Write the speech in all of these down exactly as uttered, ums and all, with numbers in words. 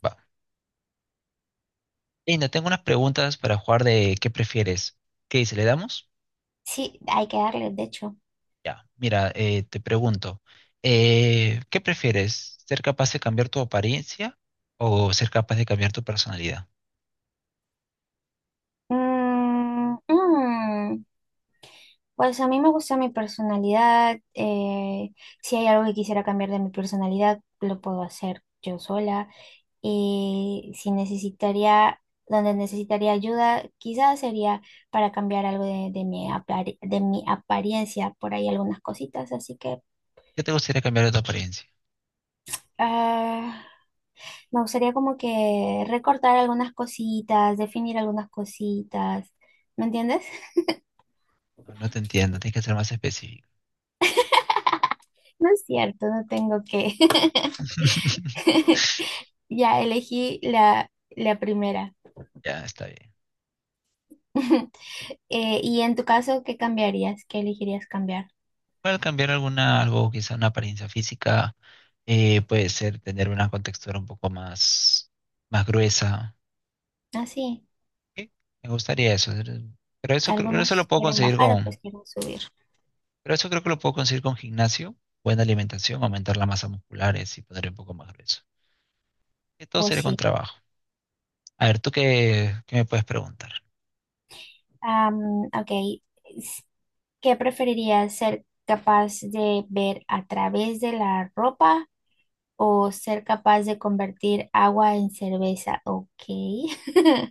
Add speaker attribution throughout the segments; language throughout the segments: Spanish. Speaker 1: Va. Y no tengo unas preguntas para jugar de qué prefieres. ¿Qué dice? ¿Le damos?
Speaker 2: Sí, hay que darle, de hecho.
Speaker 1: Ya. Mira, eh, te pregunto, eh, ¿qué prefieres? ¿Ser capaz de cambiar tu apariencia o ser capaz de cambiar tu personalidad?
Speaker 2: Mm, mm, pues a mí me gusta mi personalidad. Eh, si hay algo que quisiera cambiar de mi personalidad, lo puedo hacer yo sola. Y si necesitaría, donde necesitaría ayuda, quizás sería para cambiar algo de, de mi apar- de mi apariencia, por ahí algunas cositas. Así que
Speaker 1: ¿Qué te gustaría cambiar de tu apariencia?
Speaker 2: ah, me gustaría como que recortar algunas cositas, definir algunas cositas. ¿Me entiendes?
Speaker 1: No, no te entiendo, tienes que ser más específico.
Speaker 2: No es cierto, no tengo que. Ya elegí la, la primera.
Speaker 1: Ya, está bien.
Speaker 2: Eh, y en tu caso, ¿qué cambiarías? ¿Qué elegirías cambiar?
Speaker 1: Puede cambiar alguna, algo, quizá una apariencia física, eh, puede ser tener una contextura un poco más, más gruesa.
Speaker 2: Ah, sí.
Speaker 1: Sí, me gustaría eso. Pero eso, creo- pero eso lo
Speaker 2: Algunos
Speaker 1: puedo
Speaker 2: quieren
Speaker 1: conseguir
Speaker 2: bajar, otros
Speaker 1: con,
Speaker 2: quieren subir.
Speaker 1: pero eso creo que lo puedo conseguir con gimnasio, buena alimentación, aumentar la masa muscular eh, y poner un poco más grueso. Y todo
Speaker 2: Pues
Speaker 1: sería con
Speaker 2: sí.
Speaker 1: trabajo. A ver, ¿tú qué, ¿qué me puedes preguntar?
Speaker 2: Am, ok. S- ¿Qué preferirías? ¿Ser capaz de ver a través de la ropa o ser capaz de convertir agua en cerveza? Ok.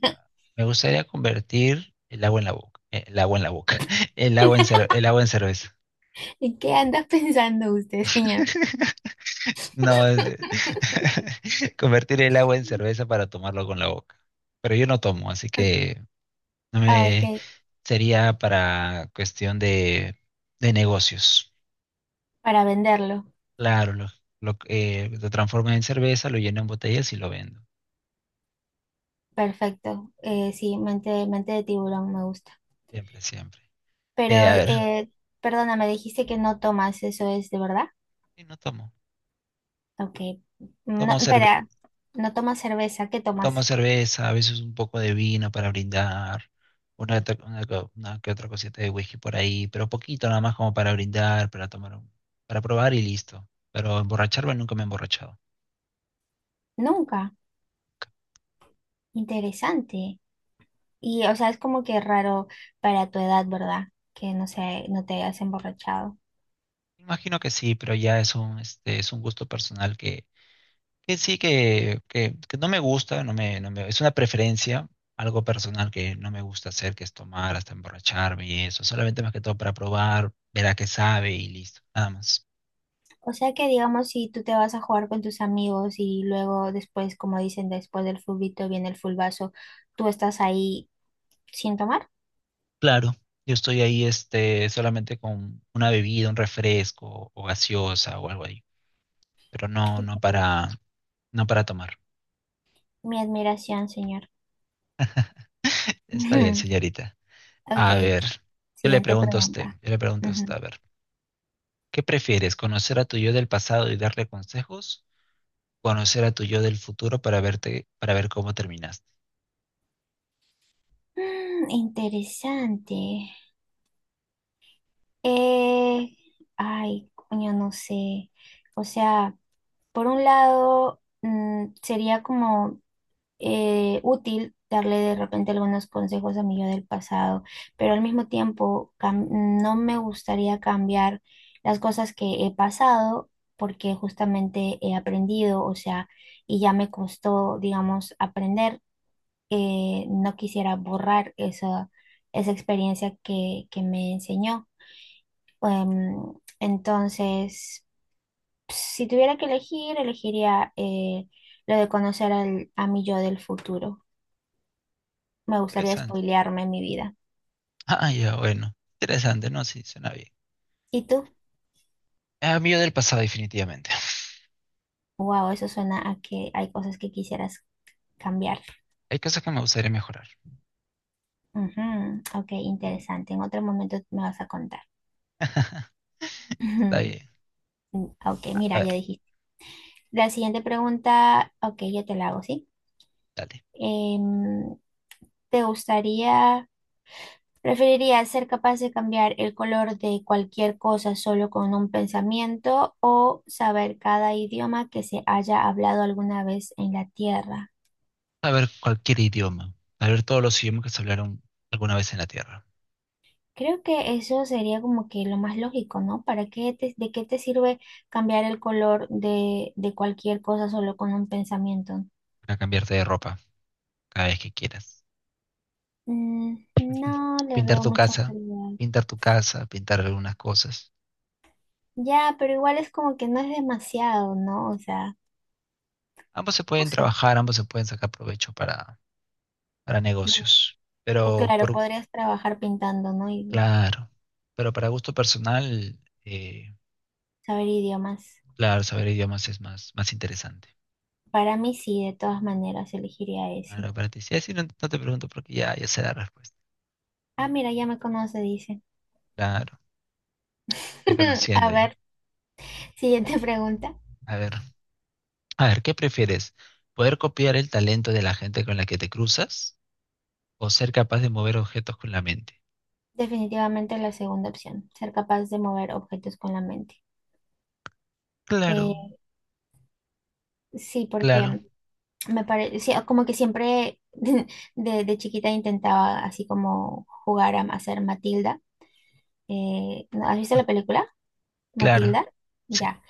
Speaker 1: Ya, me gustaría convertir el agua en la boca. eh, El agua en la boca. El agua en, cer- el agua en cerveza.
Speaker 2: ¿En qué anda pensando usted, señor?
Speaker 1: No, es- convertir el agua en cerveza para tomarlo con la boca. Pero yo no tomo, así que no
Speaker 2: Ah,
Speaker 1: me
Speaker 2: ok.
Speaker 1: sería para cuestión de, de negocios.
Speaker 2: Para venderlo.
Speaker 1: Claro, lo, lo, eh, lo transforman en cerveza, lo llenan en botellas y lo vendo.
Speaker 2: Perfecto. Eh, sí, mente, mente de tiburón me gusta.
Speaker 1: Siempre, siempre.
Speaker 2: Pero,
Speaker 1: Eh, a ver,
Speaker 2: eh, perdona, me dijiste que no tomas, ¿eso es de verdad?
Speaker 1: sí, no tomo.
Speaker 2: Ok.
Speaker 1: No
Speaker 2: No,
Speaker 1: tomo cerve-
Speaker 2: espera, no tomas cerveza, ¿qué
Speaker 1: no
Speaker 2: tomas?
Speaker 1: tomo cerveza, a veces un poco de vino para brindar, una, to- una co- una que otra cosita de whisky por ahí, pero poquito nada más como para brindar, para tomar, un- para probar y listo. Pero emborracharme nunca me he emborrachado.
Speaker 2: Nunca. Interesante. Y, o sea, es como que raro para tu edad, ¿verdad? Que no sé, no te hayas emborrachado.
Speaker 1: Imagino que sí, pero ya es un, este, es un gusto personal que que sí, que, que, que no me gusta, no me, no me, es una preferencia, algo personal que no me gusta hacer, que es tomar hasta emborracharme y eso, solamente más que todo para probar, ver a qué sabe y listo, nada más.
Speaker 2: O sea que, digamos, si tú te vas a jugar con tus amigos y luego después, como dicen, después del fulbito viene el fulbazo, tú estás ahí sin tomar.
Speaker 1: Claro, yo estoy ahí este, solamente con una bebida, un refresco o gaseosa o algo ahí, pero no, no para, no para tomar.
Speaker 2: Mi admiración, señor.
Speaker 1: Está bien,
Speaker 2: Ujú.
Speaker 1: señorita.
Speaker 2: Ok,
Speaker 1: A ver, yo le
Speaker 2: siguiente
Speaker 1: pregunto a usted,
Speaker 2: pregunta.
Speaker 1: yo le pregunto a usted,
Speaker 2: Ujú.
Speaker 1: a ver, ¿qué prefieres, conocer a tu yo del pasado y darle consejos conocer a tu yo del futuro para verte, para ver cómo terminaste?
Speaker 2: Mm, interesante. Eh, ay, coño, no sé. O sea, por un lado, mm, sería como eh, útil darle de repente algunos consejos a mi yo del pasado, pero al mismo tiempo cam- no me gustaría cambiar las cosas que he pasado porque justamente he aprendido, o sea, y ya me costó, digamos, aprender. Eh, no quisiera borrar esa, esa experiencia que, que me enseñó. Em, entonces, si tuviera que elegir, elegiría eh, lo de conocer al, a mi yo del futuro. Me gustaría
Speaker 1: Interesante.
Speaker 2: spoilearme mi vida.
Speaker 1: Ah, ya, bueno. Interesante, ¿no? Sí, suena bien.
Speaker 2: ¿Y tú?
Speaker 1: Ah, mi yo del pasado, definitivamente.
Speaker 2: Wow, eso suena a que hay cosas que quisieras cambiar.
Speaker 1: Hay cosas que me gustaría mejorar.
Speaker 2: Ujú, ok, interesante. En otro momento me vas a contar.
Speaker 1: Está bien.
Speaker 2: Ujú, ok,
Speaker 1: A
Speaker 2: mira, ya
Speaker 1: ver,
Speaker 2: dijiste. La siguiente pregunta, ok, yo te la hago, ¿sí?
Speaker 1: dale.
Speaker 2: Em, ¿Te gustaría, preferirías ser capaz de cambiar el color de cualquier cosa solo con un pensamiento o saber cada idioma que se haya hablado alguna vez en la Tierra?
Speaker 1: Saber cualquier idioma. Saber todos los idiomas que se hablaron alguna vez en la Tierra.
Speaker 2: Creo que eso sería como que lo más lógico, ¿no? ¿Para qué te- de qué te sirve cambiar el color de, de cualquier cosa solo con un pensamiento?
Speaker 1: Para cambiarte de ropa cada vez que quieras.
Speaker 2: Mm, no le
Speaker 1: Pintar
Speaker 2: veo
Speaker 1: tu
Speaker 2: mucha
Speaker 1: casa.
Speaker 2: utilidad.
Speaker 1: Pintar tu casa, pintar algunas cosas.
Speaker 2: Ya, pero igual es como que no es demasiado, ¿no? O sea,
Speaker 1: Ambos se
Speaker 2: no
Speaker 1: pueden
Speaker 2: sé.
Speaker 1: trabajar, ambos se pueden sacar provecho para, para
Speaker 2: Bueno,
Speaker 1: negocios. Pero
Speaker 2: claro,
Speaker 1: por,
Speaker 2: podrías trabajar pintando, ¿no? Y
Speaker 1: claro, pero para gusto personal, eh,
Speaker 2: saber idiomas.
Speaker 1: claro, saber idiomas es más, más interesante.
Speaker 2: Para mí sí, de todas maneras elegiría ese.
Speaker 1: Claro, para ti. Sí, sí, no, no te pregunto porque ya, ya sé la respuesta.
Speaker 2: Ah, mira, ya me conoce, dice.
Speaker 1: Claro, estoy conociendo
Speaker 2: A ver,
Speaker 1: ya.
Speaker 2: siguiente pregunta.
Speaker 1: A ver, a ver, ¿qué prefieres? ¿Poder copiar el talento de la gente con la que te cruzas o ser capaz de mover objetos con la mente?
Speaker 2: Definitivamente la segunda opción, ser capaz de mover objetos con la mente.
Speaker 1: Claro,
Speaker 2: Eh, sí,
Speaker 1: claro,
Speaker 2: porque me parece, como que siempre de, de chiquita intentaba así como jugar a hacer Matilda. Eh, ¿no? ¿Has visto la película?
Speaker 1: claro,
Speaker 2: Matilda.
Speaker 1: sí,
Speaker 2: Ya,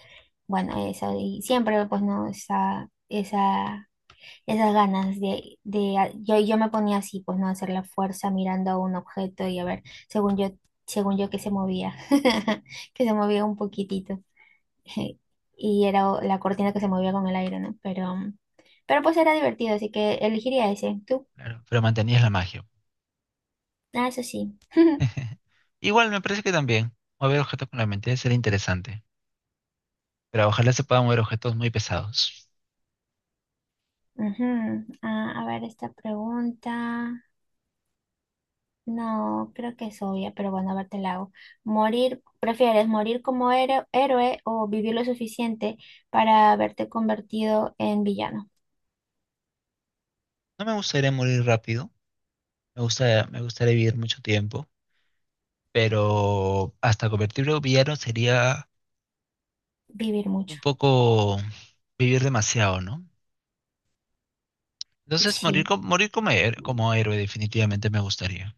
Speaker 2: bueno, eso, y siempre pues no, esa, esa esas ganas de, de yo, yo me ponía así, pues no hacer la fuerza mirando a un objeto y a ver, según yo, según yo que se movía, que se movía un poquitito. Y era o- la cortina que se movía con el aire, ¿no? Pero, pero pues era divertido, así que elegiría ese. ¿Tú?
Speaker 1: claro, pero mantenías la magia.
Speaker 2: Ah, eso sí.
Speaker 1: Igual me parece que también mover objetos con la mente debe ser interesante, pero ojalá se puedan mover objetos muy pesados.
Speaker 2: Ujú. Ah, a ver, esta pregunta. No, creo que es obvia, pero bueno, a ver, te la hago. Morir, ¿prefieres morir como héroe, héroe o vivir lo suficiente para haberte convertido en villano?
Speaker 1: No me gustaría morir rápido, me gusta, me gustaría vivir mucho tiempo, pero hasta convertirme en villano sería
Speaker 2: Vivir mucho.
Speaker 1: un poco vivir demasiado, ¿no? Entonces morir,
Speaker 2: Sí,
Speaker 1: co- morir como, her- como héroe definitivamente me gustaría.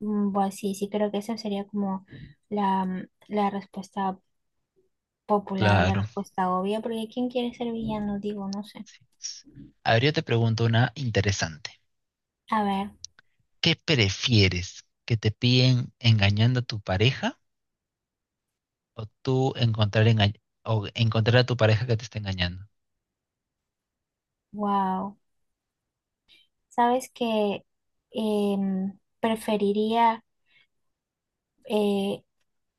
Speaker 2: mm, bueno, sí, sí, creo que esa sería como la, mm, la respuesta popular o la
Speaker 1: Claro.
Speaker 2: respuesta obvia, porque ¿quién quiere ser villano? Digo, no sé.
Speaker 1: Sí. A ver, yo te pregunto una interesante.
Speaker 2: A ver,
Speaker 1: ¿Qué prefieres? ¿Que te piden engañando a tu pareja o tú encontrar, enga- o encontrar a tu pareja que te está engañando?
Speaker 2: wow. ¿Sabes que em, preferiría... eh,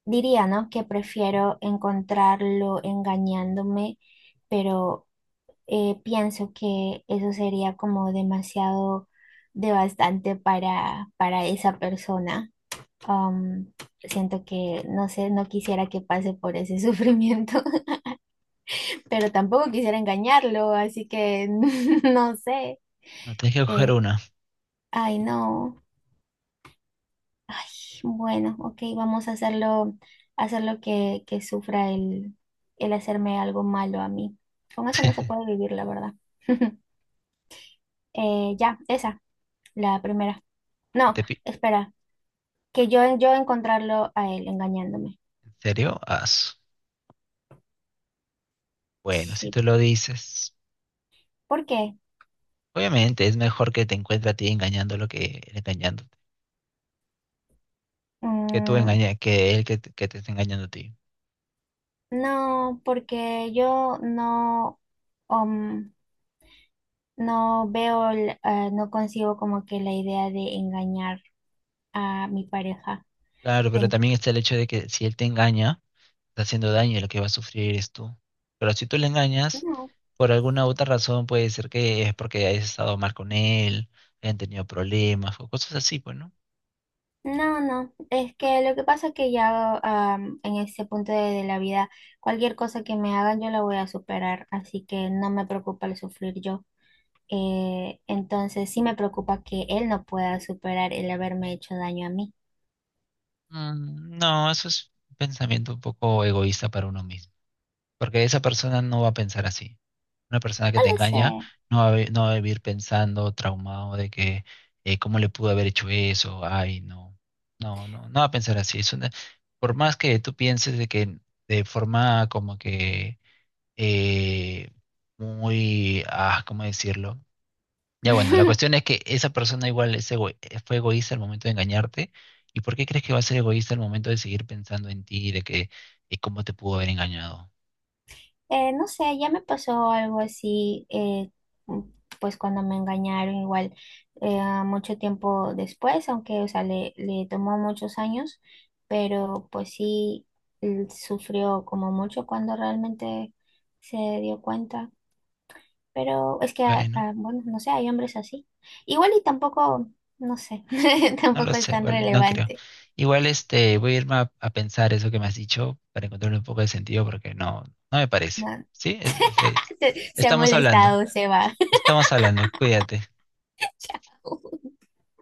Speaker 2: diría, ¿no? Que prefiero encontrarlo engañándome, pero eh, pienso que eso sería como demasiado devastante para, para esa persona. Um, siento que, no sé, no quisiera que pase por ese sufrimiento, pero tampoco quisiera engañarlo, así que no sé.
Speaker 1: No, tienes que coger
Speaker 2: Eh,
Speaker 1: una.
Speaker 2: ay, no. Ay, bueno, ok, vamos a hacerlo, hacerlo que, que sufra el, el hacerme algo malo a mí. Con eso no se puede vivir, la verdad. Eh, ya, esa, la primera.
Speaker 1: ¿Que
Speaker 2: No,
Speaker 1: ¿Te pi-
Speaker 2: espera, que yo, yo encontrarlo a él engañándome.
Speaker 1: ¿En serio? Ah, bueno, si
Speaker 2: Sí,
Speaker 1: tú lo dices,
Speaker 2: ¿por qué?
Speaker 1: obviamente es mejor que te encuentre a ti engañándolo que él engañándote, que tú
Speaker 2: Mm,
Speaker 1: engaña, que él que, te que te esté engañando a ti.
Speaker 2: no, porque yo no, um, no veo, el- eh, no consigo como que la idea de engañar a mi pareja.
Speaker 1: Claro, pero
Speaker 2: En-
Speaker 1: también está el hecho de que si él te engaña, está haciendo daño y lo que va a sufrir eres tú. Pero si tú le engañas,
Speaker 2: No.
Speaker 1: por alguna otra razón puede ser que es porque hayas estado mal con él, hayan tenido problemas o cosas así, pues, ¿no?
Speaker 2: No, no, es que lo que pasa es que ya am, en ese punto de, de la vida, cualquier cosa que me hagan yo la voy a superar, así que no me preocupa el sufrir yo. Eh, entonces sí me preocupa que él no pueda superar el haberme hecho daño a mí.
Speaker 1: Mm, no, eso es un pensamiento un poco egoísta para uno mismo. Porque esa persona no va a pensar así. Una persona que
Speaker 2: No
Speaker 1: te
Speaker 2: lo
Speaker 1: engaña
Speaker 2: sé.
Speaker 1: no va a, vi- no va a vivir pensando, traumado de que eh, cómo le pudo haber hecho eso, ay, no. No, no, no va a pensar así. Es una- por más que tú pienses de que de forma como que eh, muy, ah, ¿cómo decirlo? Ya bueno, la cuestión es que esa persona igual es ego- fue egoísta al momento de engañarte. ¿Y por qué crees que va a ser egoísta al momento de seguir pensando en ti, de que eh, cómo te pudo haber engañado?
Speaker 2: Eh, no sé, ya me pasó algo así, eh, mm, pues cuando me engañaron igual eh, mucho tiempo después, aunque, o sea, le, le tomó muchos años, pero pues sí mm, sufrió como mucho cuando realmente se dio cuenta. Pero es que, ah,
Speaker 1: Bueno.
Speaker 2: ah, bueno, no sé, hay hombres así. Igual y tampoco, no sé,
Speaker 1: No lo
Speaker 2: tampoco es
Speaker 1: sé,
Speaker 2: tan
Speaker 1: igual, no creo.
Speaker 2: relevante.
Speaker 1: Igual este, voy a irme a, a pensar eso que me has dicho para encontrarle un poco de sentido porque no, no me parece.
Speaker 2: No,
Speaker 1: ¿Sí? Es- es- es-
Speaker 2: se, se ha
Speaker 1: estamos hablando,
Speaker 2: molestado, se va.
Speaker 1: estamos hablando, cuídate.
Speaker 2: Chao.